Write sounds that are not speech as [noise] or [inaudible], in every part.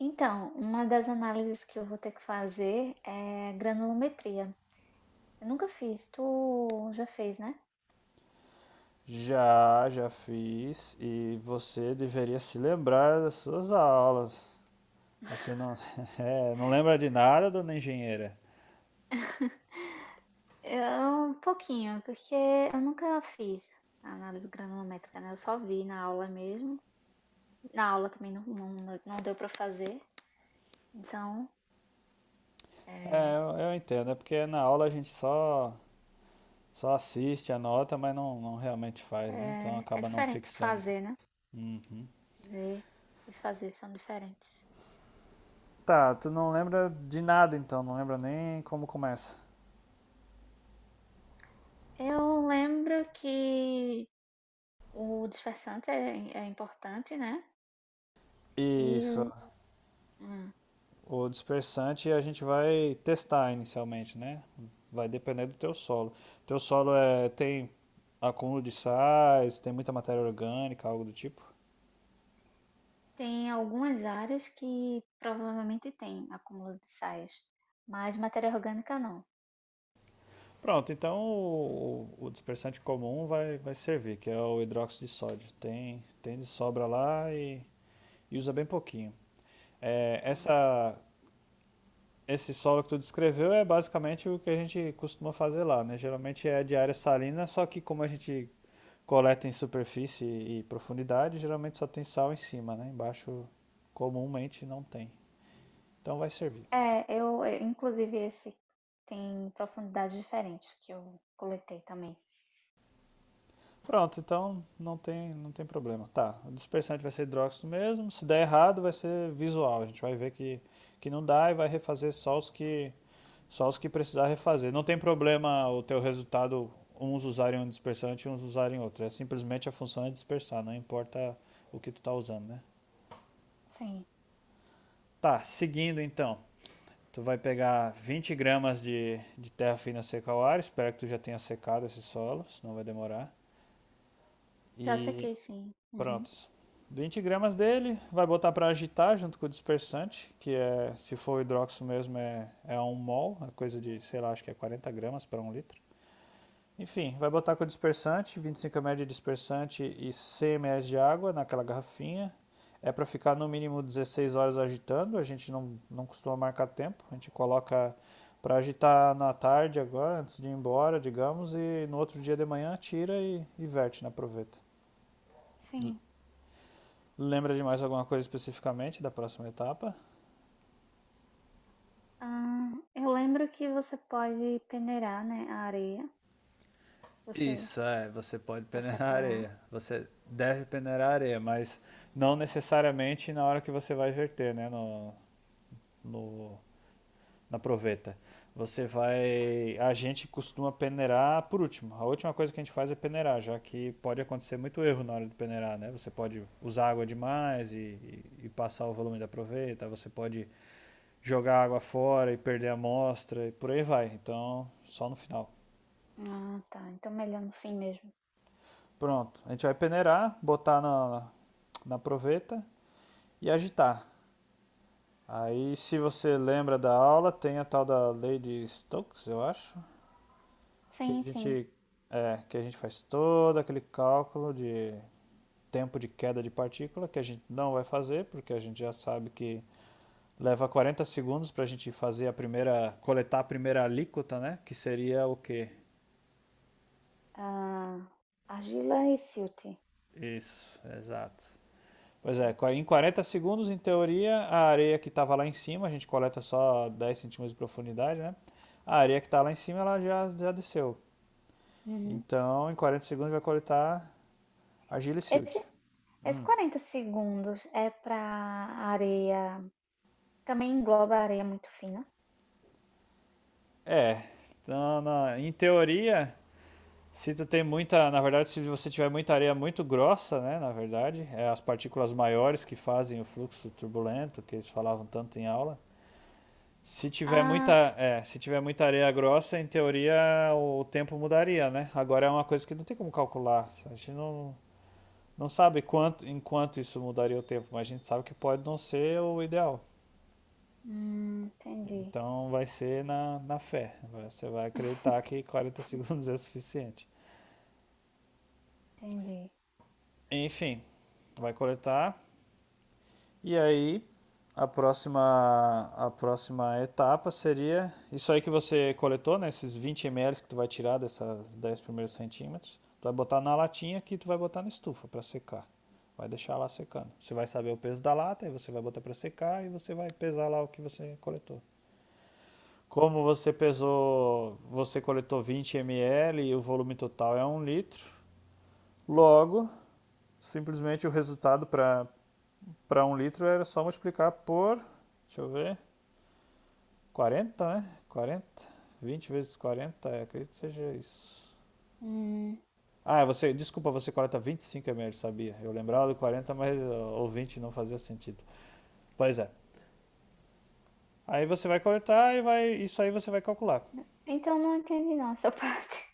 Então, uma das análises que eu vou ter que fazer é granulometria. Eu nunca fiz, tu já fez, né? Já fiz e você deveria se lembrar das suas aulas. Você não, [laughs] não lembra de nada, dona engenheira? Eu, um pouquinho, porque eu nunca fiz a análise granulométrica, né? Eu só vi na aula mesmo. Na aula também não deu para fazer, então É, é, eu entendo, é porque na aula a gente só assiste, anota, mas não realmente faz, né? Então é acaba não diferente fixando. fazer, né? Uhum. Ver e fazer são diferentes. Tá, tu não lembra de nada então, não lembra nem como começa. Eu lembro que o dispersante é importante, né? Isso. E hum, O dispersante a gente vai testar inicialmente, né? Vai depender do teu solo. Teu solo é, tem acúmulo de sais, tem muita matéria orgânica, algo do tipo. tem algumas áreas que provavelmente tem acúmulo de sais, mas matéria orgânica não. Pronto, então o dispersante comum vai servir, que é o hidróxido de sódio. Tem de sobra lá e usa bem pouquinho. É, Ah, esse solo que tu descreveu é basicamente o que a gente costuma fazer lá, né? Geralmente é de área salina, só que como a gente coleta em superfície e profundidade, geralmente só tem sal em cima, né? Embaixo comumente não tem. Então vai servir. é. Inclusive, esse tem profundidades diferentes que eu coletei também. Pronto, então não tem problema. Tá, o dispersante vai ser hidróxido mesmo. Se der errado, vai ser visual. A gente vai ver que não dá e vai refazer só os que precisar refazer. Não tem problema o teu resultado uns usarem um dispersante e uns usarem outro. É simplesmente a função é dispersar, não importa o que tu tá usando, né? Sim, Tá, seguindo então. Tu vai pegar 20 gramas de terra fina seca ao ar, espero que tu já tenha secado esse solo, senão vai demorar. já E sequei, sim. Uhum. pronto. 20 gramas dele, vai botar para agitar junto com o dispersante, que é, se for o hidróxido mesmo, é um mol, é coisa de, sei lá, acho que é 40 gramas para um litro. Enfim, vai botar com o dispersante, 25 ml de dispersante e 100 ml de água naquela garrafinha. É para ficar no mínimo 16 horas agitando, a gente não costuma marcar tempo, a gente coloca para agitar na tarde agora, antes de ir embora, digamos, e no outro dia de manhã tira e verte na proveta. Sim. Lembra de mais alguma coisa especificamente da próxima etapa? Ah, eu lembro que você pode peneirar, né, a areia, você Isso, você pode para peneirar separar. areia. Você deve peneirar areia, mas não necessariamente na hora que você vai verter, né? No, no na proveta. Você vai. A gente costuma peneirar por último. A última coisa que a gente faz é peneirar, já que pode acontecer muito erro na hora de peneirar, né? Você pode usar água demais e passar o volume da proveta, você pode jogar água fora e perder a amostra e por aí vai. Então, só no final. Ah, tá. Então melhor no fim mesmo. Pronto. A gente vai peneirar, botar na proveta e agitar. Aí, se você lembra da aula, tem a tal da lei de Stokes, eu acho, que a Sim, sim. gente, é, que a gente faz todo aquele cálculo de tempo de queda de partícula, que a gente não vai fazer, porque a gente já sabe que leva 40 segundos para a gente fazer a primeira, coletar a primeira alíquota, né? Que seria o quê? Ah, argila e silt. Isso, exato. Pois é, em 40 segundos, em teoria, a areia que estava lá em cima, a gente coleta só 10 centímetros de profundidade, né? A areia que está lá em cima, ela já desceu. Uhum. Então, em 40 segundos, vai coletar argila e Esse silt. Esses Hum. 40 segundos é para areia. Também engloba areia muito fina. É, então, em teoria, se tu tem muita, na verdade, se você tiver muita areia muito grossa, né, na verdade, é as partículas maiores que fazem o fluxo turbulento, que eles falavam tanto em aula. Se tiver Ah, muita, se tiver muita areia grossa, em teoria o tempo mudaria, né? Agora é uma coisa que não tem como calcular. A gente não sabe quanto, em quanto isso mudaria o tempo, mas a gente sabe que pode não ser o ideal. Entendi. Então vai ser na fé. Você vai acreditar que [laughs] 40 [laughs] segundos é suficiente. Entendi. Enfim, vai coletar. E aí, a próxima etapa seria isso aí que você coletou, né? Esses 20 ml que tu vai tirar dessas 10 primeiros centímetros. Tu vai botar na latinha que tu vai botar na estufa para secar. Vai deixar lá secando. Você vai saber o peso da lata, aí você vai botar para secar e você vai pesar lá o que você coletou. Como você pesou, você coletou 20 ml e o volume total é um litro, logo, simplesmente o resultado para, para um litro era só multiplicar por, deixa eu ver, 40, né? 40, 20 vezes 40, é, acredito que seja isso. Hum, Ah, é você, desculpa, você corta 25 ml, sabia? Eu lembrava do 40, mas ó, o 20 não fazia sentido. Pois é. Aí você vai coletar e vai, isso aí você vai calcular. então não entendi não essa parte.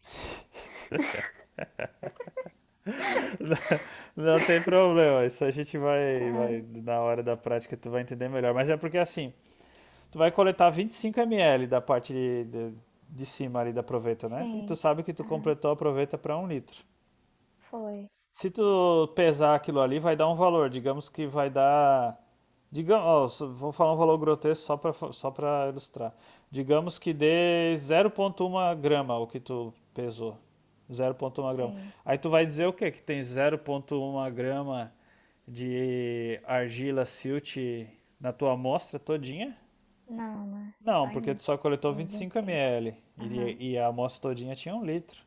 [laughs] Não tem [laughs] problema, isso a gente vai, Ah, vai na hora da prática tu vai entender melhor. Mas é porque assim, tu vai coletar 25 ml da parte de cima ali da proveta, né? E tu sim. sabe que tu Aham. completou a proveta para um litro. Foi. Se tu pesar aquilo ali, vai dar um valor. Digamos que vai dar. Digamos, ó, vou falar um valor grotesco só para ilustrar. Digamos que dê 0,1 grama o que tu pesou. 0,1 grama. Sim. Aí tu vai dizer o quê? Que tem 0,1 grama de argila silt na tua amostra todinha? Não, né? Só Não, porque tu só coletou vinte em e vinte e cinco cinco. ml Aham. e a amostra todinha tinha um litro.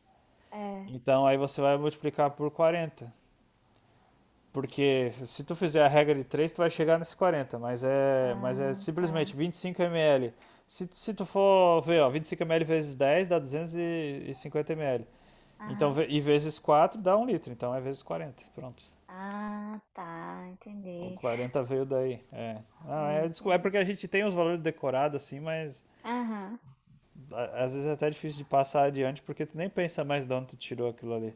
É. Então aí você vai multiplicar por 40. Porque se tu fizer a regra de 3 tu vai chegar nesse quarenta, mas mas é Ah, tá. simplesmente 25 ml. Se, se tu for ver, ó, 25 ml vezes 10 dá 250 ml. Então, Aham. e vezes 4 dá um litro, então é vezes 40 pronto. Ah, tá. O Entendi. 40 veio daí, é. Não, é Entendi. porque a gente tem os valores decorados assim, mas Aham. às vezes é até difícil de passar adiante porque tu nem pensa mais de onde tu tirou aquilo ali.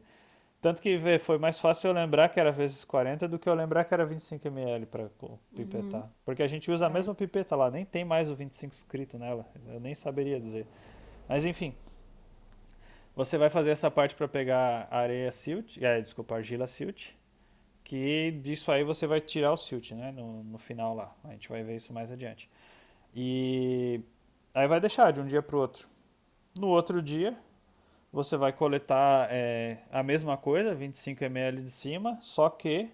Tanto que vê, foi mais fácil eu lembrar que era vezes 40 do que eu lembrar que era 25 ml para Uhum. pipetar. Porque a gente usa a É. mesma pipeta lá, nem tem mais o 25 escrito nela. Eu nem saberia dizer. Mas enfim, você vai fazer essa parte para pegar areia silt, é, desculpa, argila silt, que disso aí você vai tirar o silt, né, no final lá. A gente vai ver isso mais adiante. E aí vai deixar de um dia para o outro. No outro dia, você vai coletar é, a mesma coisa, 25 ml de cima, só que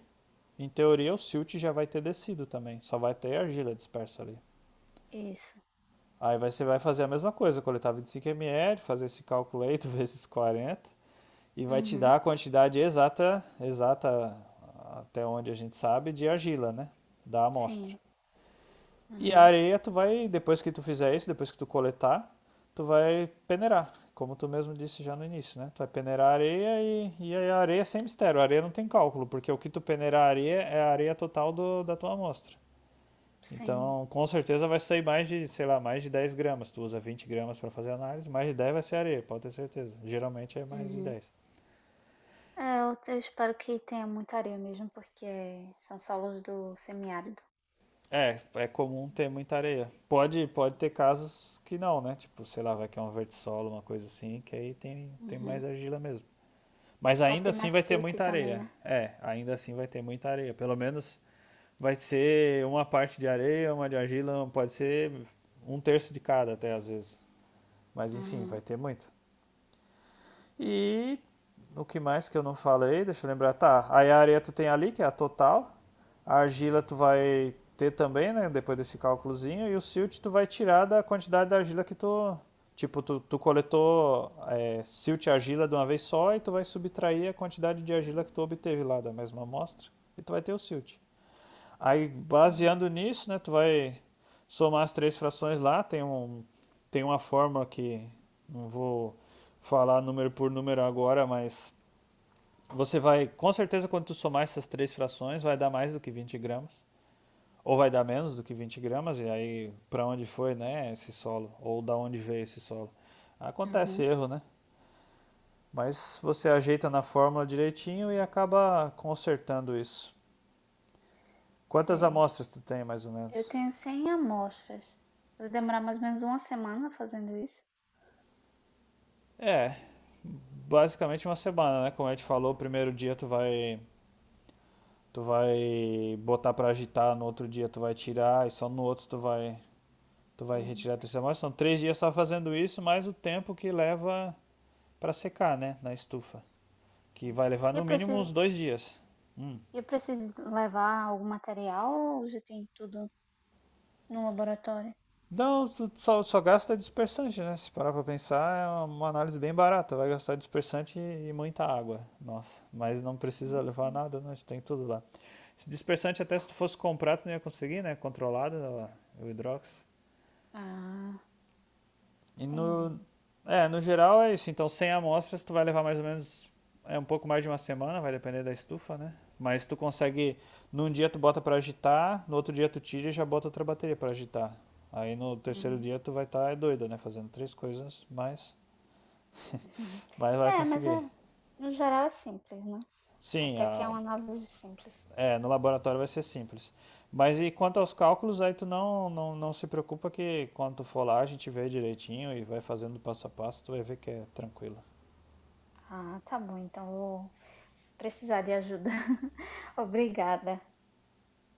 em teoria, o silt já vai ter descido também. Só vai ter argila dispersa ali. Isso. Aí você vai fazer a mesma coisa, coletar 25 ml, fazer esse cálculo aí, tu vezes [laughs] 40 e vai te Uhum. dar a quantidade exata até onde a gente sabe, de argila, né? Da amostra. Sim, E a aham, areia, tu vai, depois que tu fizer isso, depois que tu coletar, tu vai peneirar, como tu mesmo disse já no início, né? Tu vai peneirar a areia e a areia é sem mistério, a areia não tem cálculo, porque o que tu peneirar a areia é a areia total do- da tua amostra. sim, Então, com certeza vai sair mais de, sei lá, mais de 10 gramas. Tu usa 20 gramas para fazer análise, mais de 10 vai ser areia, pode ter certeza. Geralmente é mais de uhum. dez. É, eu espero que tenha muita areia mesmo, porque são solos do semiárido. É, é comum ter muita areia. Pode ter casos que não, né? Tipo, sei lá, vai que é um vertissolo, uma coisa assim, que aí tem, tem mais Uhum. argila mesmo. Mas Pode ainda ter assim mais vai ter silt muita também, areia. né? É, ainda assim vai ter muita areia. Pelo menos vai ser uma parte de areia, uma de argila, pode ser um terço de cada até às vezes. Mas enfim, vai Uhum. ter muito. E o que mais que eu não falei? Deixa eu lembrar. Tá, aí a areia tu tem ali, que é a total. A argila tu vai ter também, né? Depois desse cálculozinho. E o silt tu vai tirar da quantidade da argila que tu. Tipo, tu coletou é, silt e argila de uma vez só e tu vai subtrair a quantidade de argila que tu obteve lá da mesma amostra. E tu vai ter o silt. Aí, Sei. baseando nisso, né, tu vai somar as três frações lá, tem um, tem uma fórmula que não vou falar número por número agora, mas você vai, com certeza, quando tu somar essas três frações, vai dar mais do que 20 gramas, ou vai dar menos do que 20 gramas, e aí para onde foi, né, esse solo, ou da onde veio esse solo. Acontece Uhum. erro, né? Mas você ajeita na fórmula direitinho e acaba consertando isso. Quantas Sei. amostras tu tem, mais ou Eu menos? tenho 100 amostras. Vai demorar mais ou menos uma semana fazendo isso. É, basicamente uma semana, né? Como a gente falou, o primeiro dia tu vai, tu vai botar pra agitar, no outro dia tu vai tirar e só no outro tu vai, tu vai Uhum. retirar a terceira amostra. São três dias só fazendo isso, mais o tempo que leva pra secar, né? Na estufa, que Sei. vai levar E no mínimo uns 2 dias. Hum. eu preciso levar algum material ou já tem tudo no laboratório? Não, só gasta dispersante, né? Se parar pra pensar, é uma análise bem barata. Vai gastar dispersante e muita água. Nossa, mas não precisa levar nada, né? A gente tem tudo lá. Esse dispersante, até se tu fosse comprar, tu não ia conseguir, né? Controlado, né, o hidróxido. Ah, E entendi. no geral é isso. Então, 100 amostras, tu vai levar mais ou menos é um pouco mais de uma semana, vai depender da estufa, né? Mas tu consegue, num dia tu bota para agitar, no outro dia tu tira e já bota outra bateria para agitar. Aí no terceiro Uhum. dia tu vai estar, tá, é doida, né? Fazendo três coisas, mas Uhum. vai, vai É, mas conseguir. é, no geral é simples, né? Sim, Até que é uma análise simples. No laboratório vai ser simples. Mas e quanto aos cálculos, aí tu não se preocupa que quando tu for lá a gente vê direitinho e vai fazendo passo a passo, tu vai ver que é tranquilo. Ah, tá bom, então vou precisar de ajuda. [laughs] Obrigada.